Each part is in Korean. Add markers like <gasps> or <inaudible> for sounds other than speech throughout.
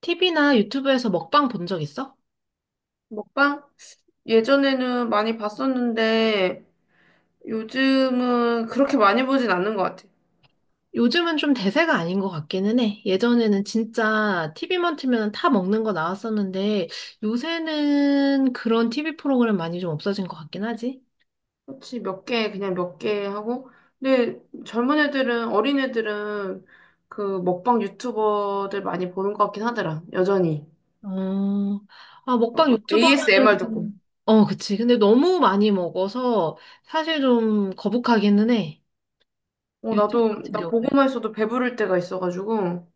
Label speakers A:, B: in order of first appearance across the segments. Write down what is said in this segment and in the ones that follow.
A: TV나 유튜브에서 먹방 본 적 있어?
B: 먹방? 예전에는 많이 봤었는데 요즘은 그렇게 많이 보진 않는 것 같아.
A: 요즘은 좀 대세가 아닌 것 같기는 해. 예전에는 진짜 TV만 틀면 다 먹는 거 나왔었는데 요새는 그런 TV 프로그램 많이 좀 없어진 것 같긴 하지.
B: 그렇지, 몇 개, 그냥 몇 개 하고. 근데 젊은 애들은, 어린 애들은 그 먹방 유튜버들 많이 보는 것 같긴 하더라, 여전히.
A: 어, 아,
B: 어,
A: 먹방 유튜버
B: ASMR 듣고.
A: 하면, 어, 그치. 근데 너무 많이 먹어서 사실 좀 거북하기는 해.
B: 어,
A: 유튜브
B: 나도,
A: 같은
B: 나
A: 경우에.
B: 보고만 있어도 배부를 때가 있어가지고.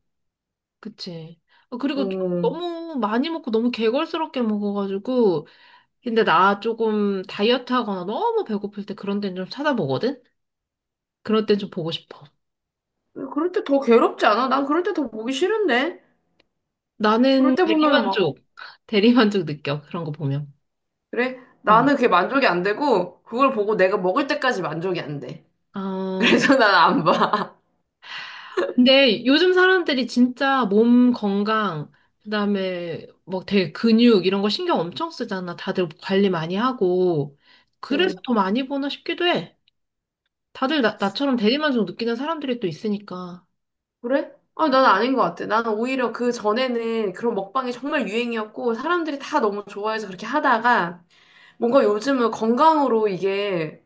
A: 그치. 어, 그리고 좀
B: 어,
A: 너무 많이 먹고 너무 개걸스럽게 먹어가지고, 근데 나 조금 다이어트 하거나 너무 배고플 때 그런 데는 좀 찾아보거든? 그럴 땐 좀 보고 싶어.
B: 그럴 때 더 괴롭지 않아? 난 그럴 때 더 보기 싫은데? 그럴
A: 나는
B: 때보면막
A: 대리만족, 대리만족 느껴. 그런 거 보면.
B: 그래?
A: 음.
B: 나는 그게 만족이 안 되고, 그걸 보고 내가 먹을 때까지 만족이 안 돼. <laughs>
A: 아,
B: 그래서 난 안 봐.
A: 근데 요즘 사람들이 진짜 몸 건강, 그다음에 뭐 되게 근육 이런 거 신경 엄청 쓰잖아. 다들 관리 많이 하고. 그래서
B: 응.
A: 더 많이 보나 싶기도 해. 다들 나처럼 대리만족 느끼는 사람들이 또 있으니까.
B: 그래? 아, 난 아닌 것 같아. 나는 오히려 그 전에는 그런 먹방이 정말 유행이었고, 사람들이 다 너무 좋아해서 그렇게 하다가, 뭔가 요즘은 건강으로 이게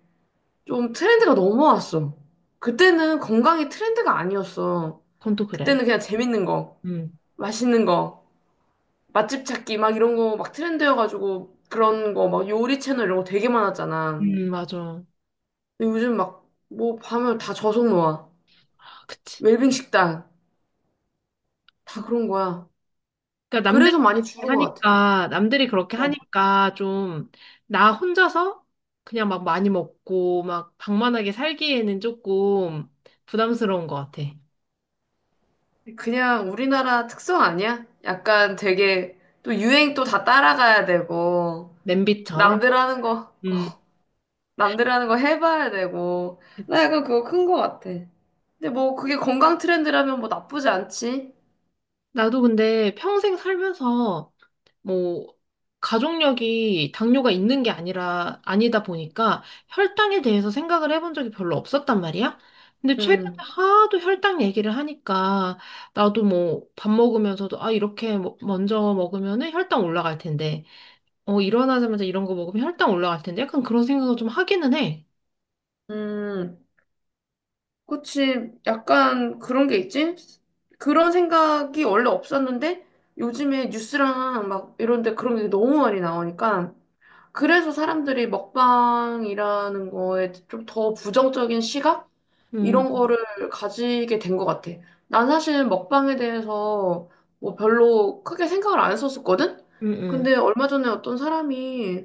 B: 좀 트렌드가 넘어왔어. 그때는 건강이 트렌드가 아니었어.
A: 그건 또
B: 그때는
A: 그래.
B: 그냥 재밌는 거,
A: 음.
B: 맛있는 거, 맛집 찾기 막 이런 거 막 트렌드여가지고, 그런 거 막 요리 채널 이런 거 되게 많았잖아.
A: 맞아.
B: 근데 요즘 막 뭐 밤을 다 저속노화,
A: 아, 그치.
B: 웰빙 식당 다 그런 거야.
A: 그러니까 남들이
B: 그래서 많이
A: 그렇게
B: 줄은 것 같아.
A: 하니까 남들이 그렇게
B: 어.
A: 하니까 좀 나 혼자서 그냥 막 많이 먹고 막 방만하게 살기에는 조금 부담스러운 것 같아.
B: 그냥 우리나라 특성 아니야? 약간 되게 또 유행 또 다 따라가야 되고
A: 냄비처럼.
B: 남들 하는 거
A: 음,
B: 남들 하는 거 해봐야 되고 나
A: 그치.
B: 약간 그거 큰 것 같아. 근데 뭐 그게 건강 트렌드라면 뭐 나쁘지 않지?
A: 나도 근데 평생 살면서 뭐 가족력이 당뇨가 있는 게 아니라 아니다 보니까 혈당에 대해서 생각을 해본 적이 별로 없었단 말이야. 근데 최근에
B: 음,
A: 하도 혈당 얘기를 하니까 나도 뭐 밥 먹으면서도, 아 이렇게 먼저 먹으면은 혈당 올라갈 텐데, 어 일어나자마자 이런 거 먹으면 혈당 올라갈 텐데, 약간 그런 생각을 좀 하기는 해.
B: 음. 그치, 약간 그런 게 있지? 그런 생각이 원래 없었는데 요즘에 뉴스랑 막 이런 데 그런 게 너무 많이 나오니까 그래서 사람들이 먹방이라는 거에 좀 더 부정적인 시각?
A: 음,
B: 이런 거를 가지게 된 것 같아. 난 사실 먹방에 대해서 뭐 별로 크게 생각을 안 했었거든?
A: 음, 음,
B: 근데 얼마 전에 어떤 사람이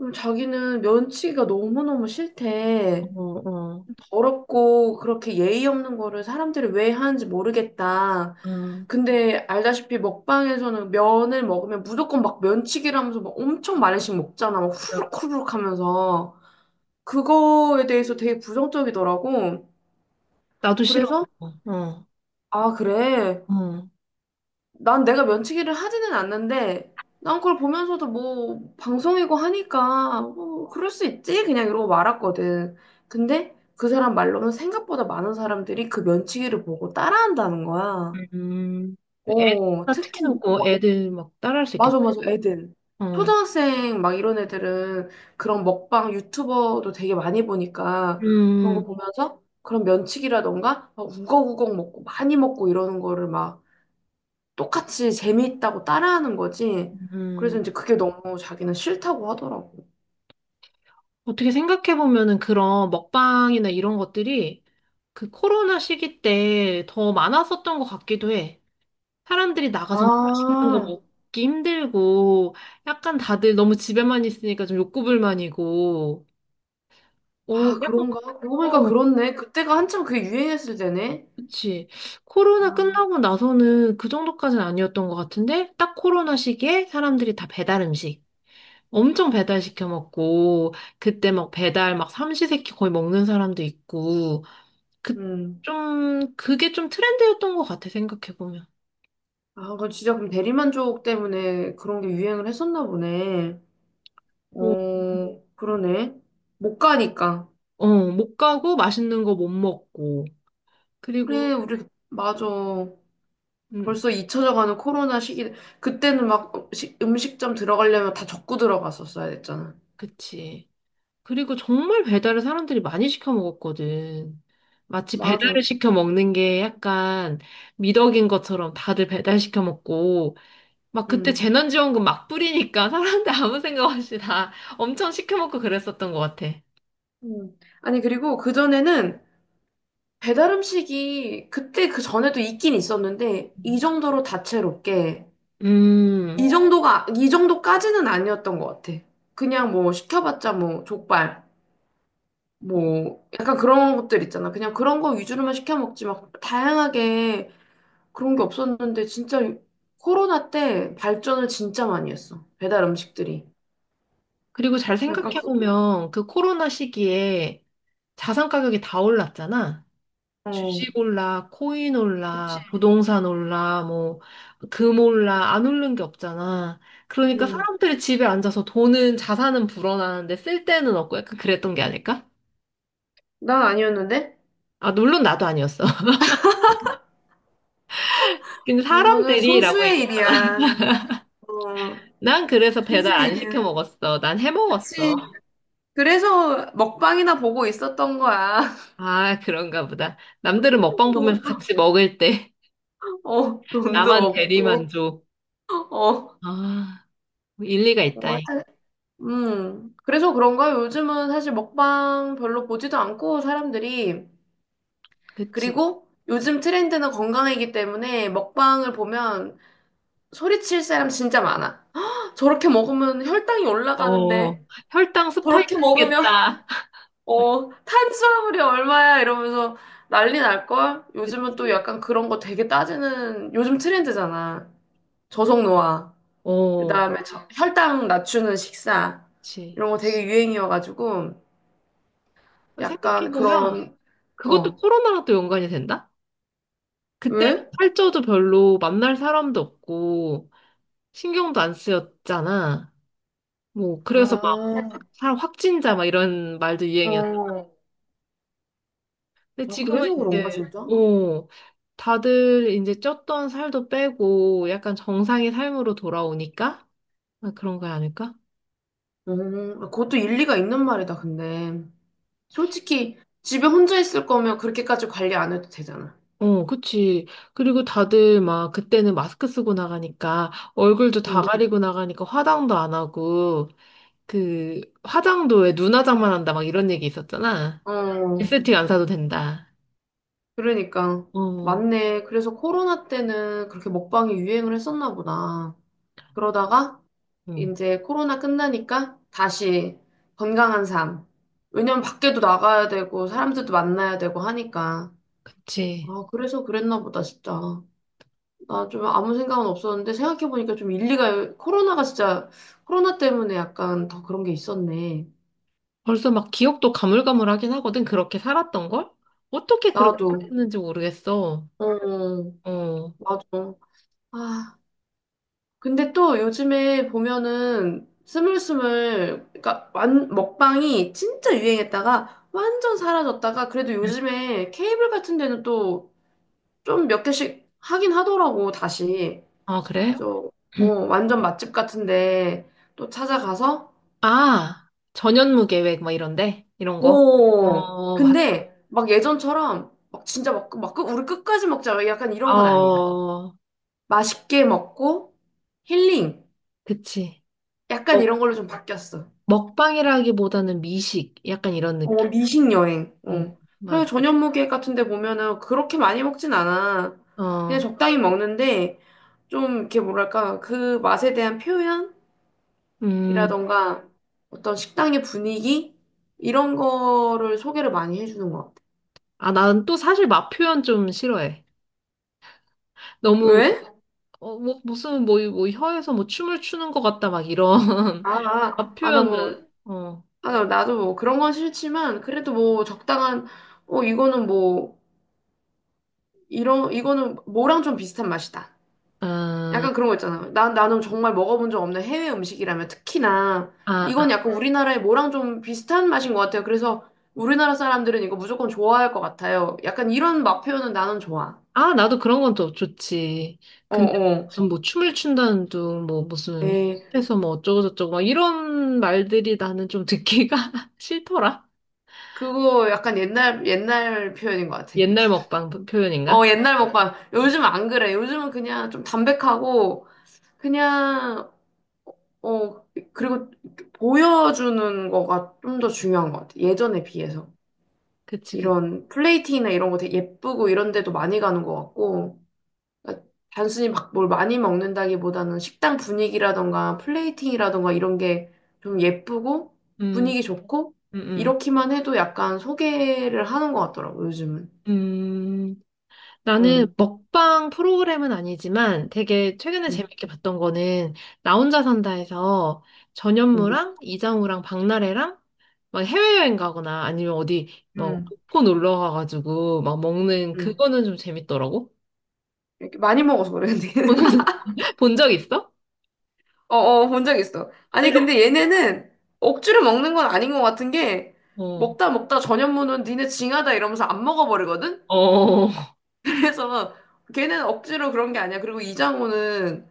B: 자기는 면치기가 너무너무 싫대.
A: 어, 어,
B: 더럽고 그렇게 예의 없는 거를 사람들이 왜 하는지 모르겠다.
A: 어.
B: 근데 알다시피 먹방에서는 면을 먹으면 무조건 막 면치기라면서 막 엄청 많이씩 먹잖아. 막 후루룩 후루룩 하면서. 그거에 대해서 되게 부정적이더라고.
A: 나도 싫어.
B: 그래서
A: 그거. 어,
B: 아, 그래.
A: 어.
B: 난 내가 면치기를 하지는 않는데, 난 그걸 보면서도 뭐, 방송이고 하니까, 뭐, 그럴 수 있지? 그냥 이러고 말았거든. 근데 그 사람 말로는 생각보다 많은 사람들이 그 면치기를 보고 따라한다는 거야.
A: 음, 애,
B: 어,
A: 특히
B: 특히,
A: 놓고
B: 와,
A: 애들 막 따라할 수
B: 맞아,
A: 있겠다.
B: 맞아, 애들.
A: 어.
B: 초등학생 막 이런 애들은 그런 먹방 유튜버도 되게 많이 보니까 그런 거
A: 음,
B: 보면서 그런 면치기라던가 막 우걱우걱 먹고 많이 먹고 이러는 거를 막 똑같이 재미있다고 따라하는 거지. 그래서
A: 음.
B: 이제 그게 너무 자기는 싫다고 하더라고.
A: 어떻게 생각해보면은 그런 먹방이나 이런 것들이 그 코로나 시기 때 더 많았었던 것 같기도 해. 사람들이 나가서 막 맛있는 거
B: 아,
A: 먹기 힘들고, 약간 다들 너무 집에만 있으니까 좀 욕구불만이고, 어,
B: 아,
A: 약간,
B: 그런가? 그러고 보니까
A: 어,
B: 그렇네. 그때가 한참 그게 유행했을 때네.
A: 그치.
B: 아,
A: 코로나 끝나고 나서는 그 정도까지는 아니었던 것 같은데, 딱 코로나 시기에 사람들이 다 배달 음식. 엄청 배달 시켜 먹고, 그때 막 배달 막 삼시세끼 거의 먹는 사람도 있고 그
B: 음.
A: 좀 그게 좀 트렌드였던 것 같아 생각해 보면.
B: 아, 그 진짜 그럼 대리만족 때문에 그런 게 유행을 했었나 보네.
A: 어,
B: 어, 그러네. 못 가니까.
A: 어, 못 가고 맛있는 거 못 먹고, 그리고
B: 그래, 우리, 맞아.
A: 음
B: 벌써 잊혀져 가는 코로나 시기. 그때는 막 음식, 음식점 들어가려면 다 적고 들어갔었어야 됐잖아.
A: 그치. 그리고 정말 배달을 사람들이 많이 시켜 먹었거든. 마치
B: 맞아.
A: 배달을 시켜 먹는 게 약간 미덕인 것처럼 다들 배달 시켜 먹고, 막 그때
B: 응.
A: 재난지원금 막 뿌리니까 사람들 아무 생각 없이 다 엄청 시켜먹고 그랬었던 것 같아.
B: 음. 아니, 그리고 그전에는 배달 음식이 그때 그 전에도 있긴 있었는데, 이
A: 음.
B: 정도로 다채롭게, 이
A: 음,
B: 정도가, 이 정도까지는 아니었던 것 같아. 그냥 뭐 시켜봤자 뭐 족발, 뭐 약간 그런 것들 있잖아. 그냥 그런 거 위주로만 시켜 먹지 막 다양하게 그런 게 없었는데, 진짜 코로나 때 발전을 진짜 많이 했어. 배달 음식들이.
A: 그리고 잘
B: 약간 그,
A: 생각해보면 그 코로나 시기에 자산 가격이 다 올랐잖아.
B: 어,
A: 주식 올라, 코인
B: 그치.
A: 올라, 부동산 올라, 뭐, 금 올라, 안 오른 게 없잖아. 그러니까
B: 음,
A: 사람들이 집에 앉아서 돈은, 자산은 불어나는데 쓸 데는 없고 약간 그랬던 게 아닐까?
B: 난 아니었는데?
A: 아, 물론 나도 아니었어. <laughs> 근데
B: 그거는
A: 사람들이라고.
B: 소수의 일이야. 어,
A: 난 그래서 배달 안 시켜
B: 소시지야.
A: 먹었어. 난 해
B: 그치.
A: 먹었어.
B: 그래서 먹방이나 보고 있었던 거야. <laughs>
A: 아, 그런가 보다. 남들은 먹방 보면서
B: 돈도,
A: 같이 먹을 때,
B: 어,
A: <laughs>
B: 돈도
A: 나만
B: 없고,
A: 대리만족.
B: 어, 어,
A: 아, 뭐 일리가 있다잉.
B: 하여튼, 그래서 그런가 요즘은 사실 먹방 별로 보지도 않고 사람들이.
A: 그치.
B: 그리고 요즘 트렌드는 건강이기 때문에 먹방을 보면 소리칠 사람 진짜 많아. <gasps> 저렇게 먹으면 혈당이
A: 어,
B: 올라가는데,
A: 혈당 스파이크
B: 저렇게 먹으면
A: 오겠다.
B: 어,
A: <laughs>
B: 탄수화물이 얼마야? 이러면서 난리 날걸? 요즘은 또
A: 그치.
B: 약간 그런 거 되게 따지는 요즘 트렌드잖아. 저속노화.
A: 어,
B: 그다음에 혈당 낮추는 식사.
A: 그치.
B: 이런 거 되게 유행이어가지고 약간
A: 생각해보면
B: 그런
A: 그것도
B: 어,
A: 코로나랑 또 연관이 된다? 그때
B: 왜?
A: 살쪄도 별로 만날 사람도 없고 신경도 안 쓰였잖아. 뭐, 그래서 막
B: 아,
A: 확진자 막 이런 말도 유행이었.
B: 어.
A: 근데
B: 아,
A: 지금은
B: 그래서 그런가
A: 이제,
B: 진짜?
A: 어, 다들 이제 쪘던 살도 빼고 약간 정상의 삶으로 돌아오니까? 아, 그런 거 아닐까?
B: 아, 그것도 일리가 있는 말이다, 근데. 솔직히 집에 혼자 있을 거면 그렇게까지 관리 안 해도 되잖아.
A: 어, 그치. 그리고 다들 막 그때는 마스크 쓰고 나가니까 얼굴도 다
B: 응.
A: 가리고 나가니까 화장도 안 하고, 그 화장도 왜 눈화장만 한다 막 이런 얘기 있었잖아.
B: 어.
A: 에스테틱 안 사도 된다.
B: 그러니까
A: 어,
B: 맞네. 그래서 코로나 때는 그렇게 먹방이 유행을 했었나 보다. 그러다가
A: 응,
B: 이제 코로나 끝나니까 다시 건강한 삶. 왜냐면 밖에도 나가야 되고 사람들도 만나야 되고 하니까.
A: 그치.
B: 아, 그래서 그랬나 보다, 진짜. 나 좀 아무 생각은 없었는데 생각해보니까 좀 일리가, 코로나가 진짜, 코로나 때문에 약간 더 그런 게 있었네.
A: 벌써 막 기억도 가물가물하긴 하거든. 그렇게 살았던 걸? 어떻게 그렇게
B: 나도.
A: 살았는지 모르겠어.
B: 어,
A: 어,
B: 맞아. 아. 근데 또 요즘에 보면은 스물스물, 그러니까 완, 먹방이 진짜 유행했다가 완전 사라졌다가 그래도 요즘에 케이블 같은 데는 또 좀 몇 개씩 하긴 하더라고, 다시.
A: 아, 그래?
B: 저, 어,
A: <clears throat>
B: 완전 맛집 같은데 또 찾아가서,
A: 아, 전현무 계획, 막 이런데? 이런 거?
B: 오,
A: 어, 맞아.
B: 근데 막 예전처럼 막 진짜 막, 막 끝- 우리 끝까지 먹자. 약간 이런 건 아니야.
A: 어,
B: 맛있게 먹고 힐링.
A: 그치.
B: 약간
A: 먹,
B: 이런 걸로 좀 바뀌었어.
A: 먹방이라기보다는 미식, 약간 이런
B: 어,
A: 느낌.
B: 미식 여행.
A: 응,
B: 어. 그래서
A: 맞아.
B: 저녁무 계획 같은 데 보면은 그렇게 많이 먹진 않아. 그냥
A: 어,
B: 적당히 먹는데 좀 이렇게 뭐랄까 그 맛에 대한
A: 음,
B: 표현이라던가 어떤 식당의 분위기 이런 거를 소개를 많이 해주는 것 같아.
A: 아, 난 또 사실 맛 표현 좀 싫어해. 너무,
B: 왜?
A: 어, 뭐, 무슨, 뭐, 뭐, 혀에서 뭐 춤을 추는 것 같다, 막 이런.
B: 아,
A: <laughs>
B: 아,
A: 맛
B: 아, 나
A: 표현은,
B: 뭐,
A: 어,
B: 아, 나도 뭐 그런 건 싫지만 그래도 뭐 적당한 어 이거는 뭐 이런 이거는 뭐랑 좀 비슷한 맛이다.
A: 아,
B: 약간 그런 거 있잖아. 난, 나는 정말 먹어본 적 없는 해외 음식이라면 특히나
A: 아,
B: 이건
A: 아.
B: 약간 응. 우리나라의 뭐랑 좀 비슷한 맛인 것 같아요. 그래서 우리나라 사람들은 이거 무조건 좋아할 것 같아요. 약간 이런 맛 표현은 나는 좋아.
A: 아, 나도 그런 건 더 좋지.
B: 어,
A: 근데 막
B: 어.
A: 무슨 뭐 춤을 춘다는 둥, 뭐 무슨
B: 예,
A: 협회에서 뭐 어쩌고저쩌고 막 이런 말들이 나는 좀 듣기가 <laughs> 싫더라.
B: 그거 약간 옛날, 옛날 표현인 것 같아.
A: 옛날 먹방 표현인가?
B: 어, 옛날 먹방. 요즘 안 그래. 요즘은 그냥 좀 담백하고, 그냥, 어, 그리고 보여주는 거가 좀 더 중요한 것 같아. 예전에 비해서.
A: 그치, 그치.
B: 이런 플레이팅이나 이런 거 되게 예쁘고 이런 데도 많이 가는 것 같고, 그러니까 단순히 막 뭘 많이 먹는다기보다는 식당 분위기라던가 플레이팅이라던가 이런 게 좀 예쁘고
A: 음,
B: 분위기 좋고,
A: 음, 음.
B: 이렇게만 해도 약간 소개를 하는 것 같더라고, 요즘은.
A: 음. 나는
B: 응,
A: 먹방 프로그램은 아니지만 되게 최근에
B: 응,
A: 재밌게 봤던 거는 나 혼자 산다에서
B: 응,
A: 전현무랑 이장우랑 박나래랑 막 해외여행 가거나 아니면 어디 뭐
B: 응.
A: 놓고 놀러 가가지고 막 먹는
B: 응.
A: 그거는 좀 재밌더라고.
B: 이렇게 많이 먹어서 그래, 근데. <laughs>
A: <laughs> 본 적 있어?
B: 어, 어, 본 적 있어.
A: 아,
B: 아니,
A: 이거
B: 근데 얘네는 억지로 먹는 건 아닌 것 같은 게,
A: 어,
B: 먹다 먹다 전현무는 니네 징하다 이러면서 안 먹어버리거든?
A: 어,
B: 그래서 걔는 억지로 그런 게 아니야. 그리고 이장호는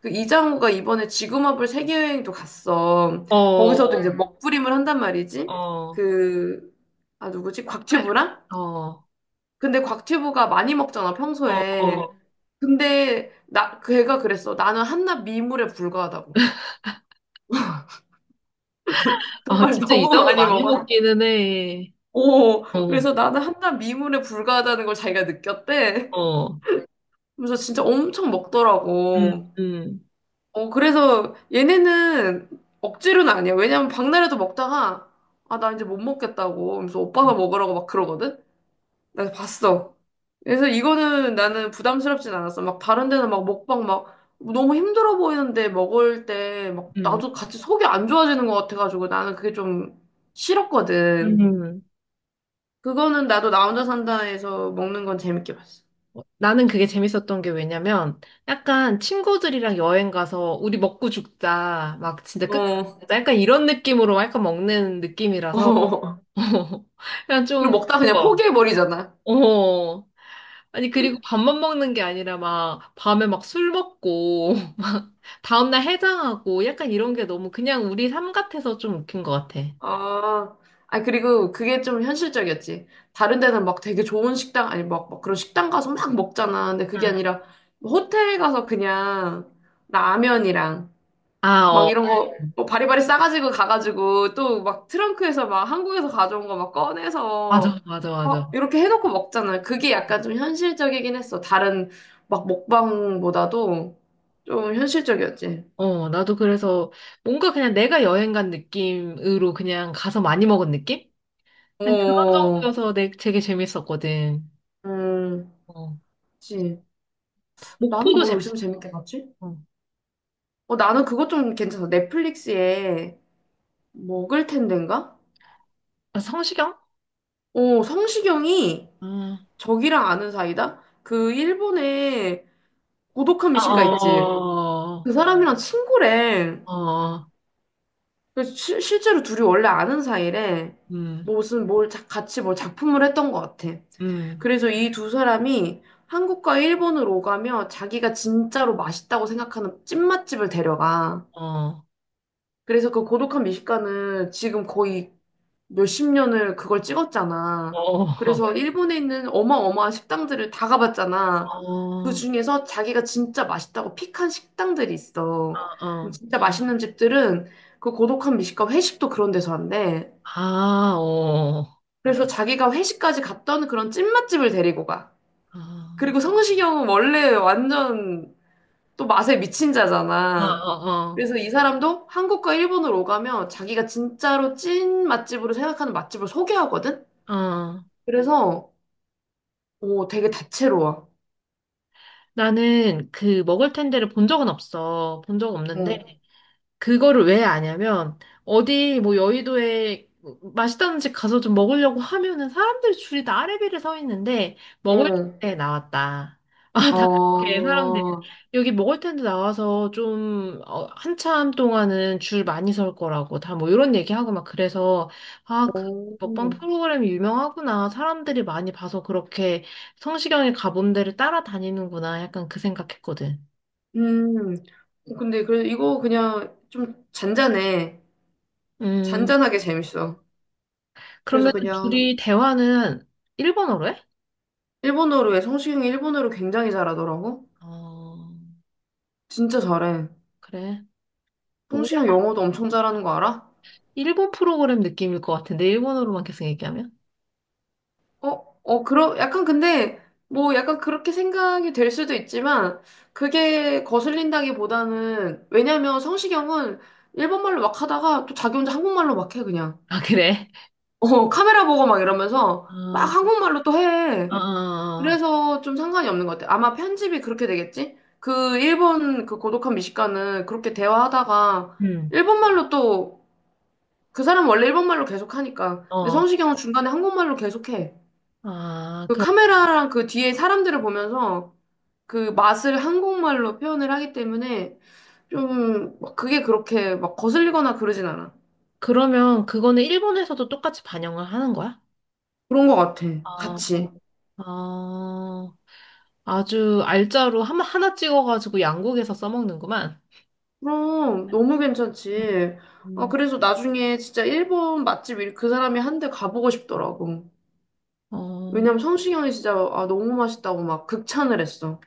B: 그 이장호가 이번에 지구마블 세계여행도 갔어. 거기서도
A: 어,
B: 이제 먹부림을 한단
A: 어,
B: 말이지.
A: 어.
B: 그, 아, 누구지? 곽튜브랑?
A: 아, 어,
B: 근데 곽튜브가 많이 먹잖아,
A: 어,
B: 평소에.
A: 어.
B: 근데 나, 걔가 그랬어. 나는 한낱 미물에 불과하다고.
A: 아,
B: 정말 <laughs>
A: 진짜
B: 너무
A: 이장우
B: 많이
A: 많이
B: 먹어서.
A: 먹기는 해.
B: 오,
A: 어,
B: 그래서 나는 한낱 미물에 불과하다는 걸 자기가 느꼈대.
A: 어,
B: 그래서 진짜 엄청
A: 음,
B: 먹더라고.
A: 음.
B: 어, 그래서 얘네는 억지로는 아니야. 왜냐면 박나래도 먹다가, 아, 나 이제 못 먹겠다고. 하면서
A: 음.
B: 오빠가 먹으라고 막 그러거든? 나 봤어. 그래서 이거는 나는 부담스럽진 않았어. 막 다른 데는 막 먹방 막 너무 힘들어 보이는데 먹을 때 막
A: 음.
B: 나도 같이 속이 안 좋아지는 것 같아가지고 나는 그게 좀 싫었거든.
A: 음,
B: 그거는 나도 나 혼자 산다에서 먹는 건 재밌게 봤어.
A: 어, 나는 그게 재밌었던 게 왜냐면 약간 친구들이랑 여행 가서 우리 먹고 죽자, 막 진짜 끝까지
B: 어.
A: 죽자, 약간 이런 느낌으로 약간 먹는 느낌이라서.
B: <laughs>
A: <laughs> 그냥
B: 그리고
A: 좀,
B: 먹다 그냥
A: 어,
B: 포기해버리잖아.
A: 어. 아니, 그리고 밥만 먹는 게 아니라 막 밤에 막 술 먹고 <laughs> 다음날 해장하고 약간 이런 게 너무 그냥 우리 삶 같아서 좀 웃긴 것 같아. 응.
B: 아, 아니, 그리고 그게 좀 현실적이었지. 다른 데는 막 되게 좋은 식당, 아니, 막, 막 그런 식당 가서 막 먹잖아. 근데 그게 아니라, 뭐 호텔 가서 그냥 라면이랑
A: 아,
B: 막
A: 어.
B: 이런 거, 뭐 바리바리 싸가지고 가가지고 또 막 트렁크에서 막 한국에서 가져온 거 막
A: 맞아,
B: 꺼내서
A: 맞아, 맞아.
B: 막 이렇게 해놓고 먹잖아. 그게 약간 좀 현실적이긴 했어. 다른 막 먹방보다도 좀 현실적이었지.
A: 어, 나도 그래서 뭔가 그냥 내가 여행 간 느낌으로 그냥 가서 많이 먹은 느낌? 그냥 그런
B: 어,
A: 정도여서 되게 재밌었거든.
B: 음,
A: 어.
B: 그치. 나는
A: 목포도
B: 뭐 요즘
A: 재밌었어.
B: 재밌게 봤지?
A: 어.
B: 어, 나는 그것 좀 괜찮아. 넷플릭스에 먹을 텐데인가?
A: 아, 성시경?
B: 어, 성시경이
A: 아,
B: 저기랑 아는 사이다? 그 일본의 고독한
A: 아,
B: 미식가 있지?
A: 어,
B: 그 사람이랑 친구래.
A: 어, 어,
B: 그래서 실제로 둘이 원래 아는 사이래.
A: 음,
B: 뭐 무슨 뭘 같이 뭘 작품을 했던 것 같아.
A: 음,
B: 그래서 이 두 사람이 한국과 일본을 오가며 자기가 진짜로 맛있다고 생각하는 찐맛집을 데려가.
A: 어,
B: 그래서 그 고독한 미식가는 지금 거의 몇십 년을 그걸 찍었잖아.
A: 어, 어, <laughs>
B: 그래서 일본에 있는 어마어마한 식당들을 다 가봤잖아. 그
A: 어,
B: 중에서 자기가 진짜 맛있다고 픽한 식당들이 있어. 그럼
A: 어,
B: 진짜 맛있는 집들은 그 고독한 미식가 회식도 그런 데서 한대.
A: 아, 어,
B: 그래서 자기가 회식까지 갔던 그런 찐맛집을 데리고 가.
A: 아,
B: 그리고 성시경은 원래 완전 또 맛에 미친
A: 어,
B: 자잖아.
A: 어, 어.
B: 그래서 이 사람도 한국과 일본을 오가면 자기가 진짜로 찐 맛집으로 생각하는 맛집을 소개하거든?
A: 어.
B: 그래서 오, 되게 다채로워.
A: 나는 그 먹을 텐데를 본 적은 없어. 본 적 없는데,
B: 응,
A: 그거를 왜 아냐면 어디 뭐 여의도에 맛있다는 집 가서 좀 먹으려고 하면은 사람들 줄이 다 아래비를 서 있는데 먹을
B: 응.
A: 때 나왔다. <laughs> 아, 다 그렇게
B: 어,
A: 사람들 여기 먹을 텐데 나와서 좀, 어, 한참 동안은 줄 많이 설 거라고 다 뭐 이런 얘기하고 막 그래서 아, 그
B: 오.
A: 먹방 프로그램이 유명하구나. 사람들이 많이 봐서 그렇게 성시경이 가본 데를 따라다니는구나. 약간 그 생각했거든.
B: 음. 어, 근데 그래 이거 그냥 좀 잔잔해.
A: 음.
B: 잔잔하게 재밌어. 그래서
A: 그러면
B: 그냥
A: 둘이 대화는 일본어로 해?
B: 일본어로 해. 성시경이 일본어를 굉장히 잘하더라고.
A: 어,
B: 진짜 잘해.
A: 그래. 우리
B: 성시경 영어도 엄청 잘하는 거 알아?
A: 일본 프로그램 느낌일 것 같은데, 일본어로만 계속 얘기하면?
B: 어, 어, 그러, 약간 근데 뭐 약간 그렇게 생각이 될 수도 있지만 그게 거슬린다기보다는 왜냐면 성시경은 일본말로 막 하다가 또 자기 혼자 한국말로 막 해, 그냥.
A: 아, 그래?
B: 어, 카메라 보고 막 이러면서 막
A: 아,
B: 한국말로 또 해.
A: 아,
B: 그래서 좀 상관이 없는 것 같아. 아마 편집이 그렇게 되겠지? 그 일본 그 고독한 미식가는 그렇게 대화하다가
A: 음.
B: 일본말로 또 그 사람 원래 일본말로 계속 하니까. 근데
A: 어.
B: 성시경은 중간에 한국말로 계속 해.
A: 아,
B: 그
A: 그럼,
B: 카메라랑 그 뒤에 사람들을 보면서 그 맛을 한국말로 표현을 하기 때문에 좀막 그게 그렇게 막 거슬리거나 그러진 않아.
A: 그러면 그거는 일본에서도 똑같이 반영을 하는 거야?
B: 그런 것 같아.
A: 아,
B: 같이.
A: 아, 아주 알짜로 하나, 하나 찍어가지고 양국에서 써먹는구만.
B: 그럼 너무 괜찮지. 아,
A: 음.
B: 그래서 나중에 진짜 일본 맛집 그 사람이 한 대 가보고 싶더라고.
A: 어.
B: 왜냐면 성시경이 진짜 아, 너무 맛있다고 막 극찬을 했어.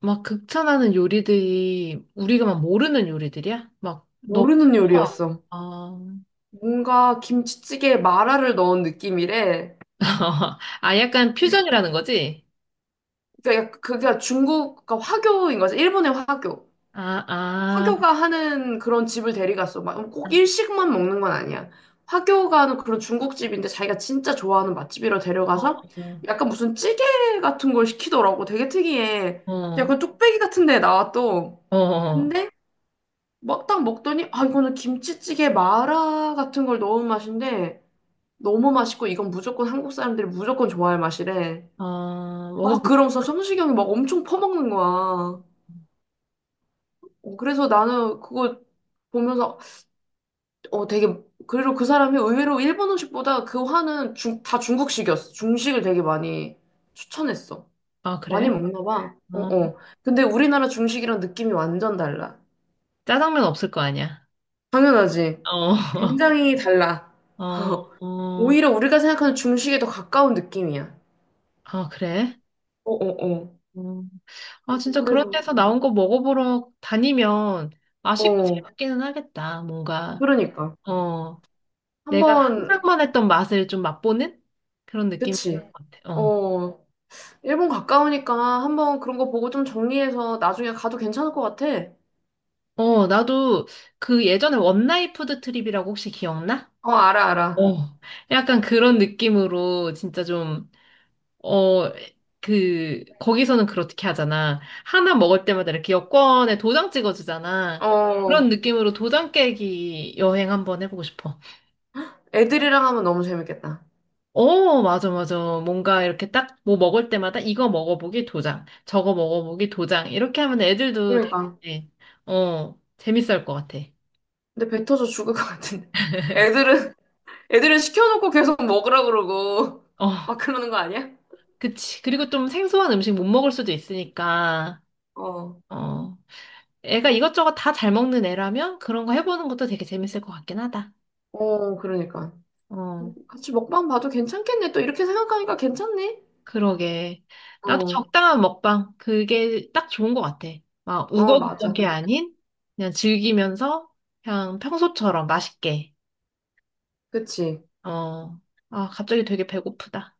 A: 막 극찬하는 요리들이 우리가 막 모르는 요리들이야? 막 너무
B: 모르는
A: 쉽다.
B: 요리였어.
A: 아,
B: 뭔가 김치찌개에 마라를 넣은 느낌이래.
A: <laughs> 아 약간 퓨전이라는 거지?
B: 그러니까 그게 중국, 그러니까 화교인 거지. 일본의 화교.
A: 아, 아,
B: 화교가 하는 그런 집을 데려갔어. 막 꼭 일식만 먹는 건 아니야. 화교가 하는 그런 중국집인데 자기가 진짜 좋아하는 맛집이라 데려가서
A: 어,
B: 약간 무슨 찌개 같은 걸 시키더라고. 되게 특이해.
A: 어,
B: 약간 뚝배기 같은 데 나와 또.
A: 어, 어,
B: 근데 막 딱 먹더니 아 이거는 김치찌개 마라 같은 걸 넣은 맛인데 너무 맛있고 이건 무조건 한국 사람들이 무조건 좋아할 맛이래.
A: 어,
B: 와
A: 먹어보자.
B: 그러면서 성시경이 막 엄청 퍼먹는 거야. 어, 그래서 나는 그거 보면서 어, 되게, 그리고 그 사람이 의외로 일본 음식보다 그 화는 중, 다 중국식이었어. 중식을 되게 많이 추천했어.
A: 아,
B: 많이
A: 그래?
B: 먹나 봐. 어,
A: 어.
B: 어. 근데 우리나라 중식이랑 느낌이 완전 달라.
A: 짜장면 없을 거 아니야?
B: 당연하지.
A: 어,
B: 굉장히 달라.
A: <laughs> 어, 어,
B: 오히려 우리가 생각하는 중식에 더 가까운 느낌이야.
A: 아, 그래?
B: 어, 어, 어.
A: 음. 아, 진짜 그런
B: 그래서,
A: 데서 나온 거 먹어보러 다니면 맛있고
B: 어,
A: 재밌기는 하겠다, 뭔가.
B: 그러니까.
A: 어. 내가
B: 한번,
A: 상상만 했던 맛을 좀 맛보는 그런 느낌인 것
B: 그치.
A: 같아. 어.
B: 어, 일본 가까우니까 한번 그런 거 보고 좀 정리해서 나중에 가도 괜찮을 것 같아.
A: 어, 나도 그 예전에 원나잇 푸드 트립이라고 혹시 기억나?
B: 어, 알아, 알아.
A: 어. 약간 그런 느낌으로 진짜 좀, 어, 그, 거기서는 그렇게 하잖아. 하나 먹을 때마다 이렇게 여권에 도장 찍어주잖아. 그런
B: 어.
A: 느낌으로 도장 깨기 여행 한번 해보고 싶어.
B: 애들이랑 하면 너무 재밌겠다.
A: 어, 맞아, 맞아. 뭔가 이렇게 딱 뭐 먹을 때마다 이거 먹어보기 도장, 저거 먹어보기 도장. 이렇게 하면 애들도
B: 그러니까.
A: 되게, 어, 재밌을 것 같아.
B: 근데 뱉어서 죽을 것 같은데. 애들은, 애들은 시켜놓고 계속 먹으라 그러고.
A: 어,
B: <laughs> 막 그러는 거 아니야?
A: 그치. 그리고 좀 생소한 음식 못 먹을 수도 있으니까,
B: 어,
A: 어, 애가 이것저것 다 잘 먹는 애라면 그런 거 해보는 것도 되게 재밌을 것 같긴 하다.
B: 어, 그러니까.
A: 어,
B: 같이 먹방 봐도 괜찮겠네. 또 이렇게 생각하니까 괜찮네.
A: 그러게. 나도
B: 어,
A: 적당한 먹방. 그게 딱 좋은 것 같아. 막
B: 어, 맞아.
A: 우거부거게 아닌 그냥 즐기면서 그냥 평소처럼 맛있게.
B: 그치.
A: 어, 아, 갑자기 되게 배고프다.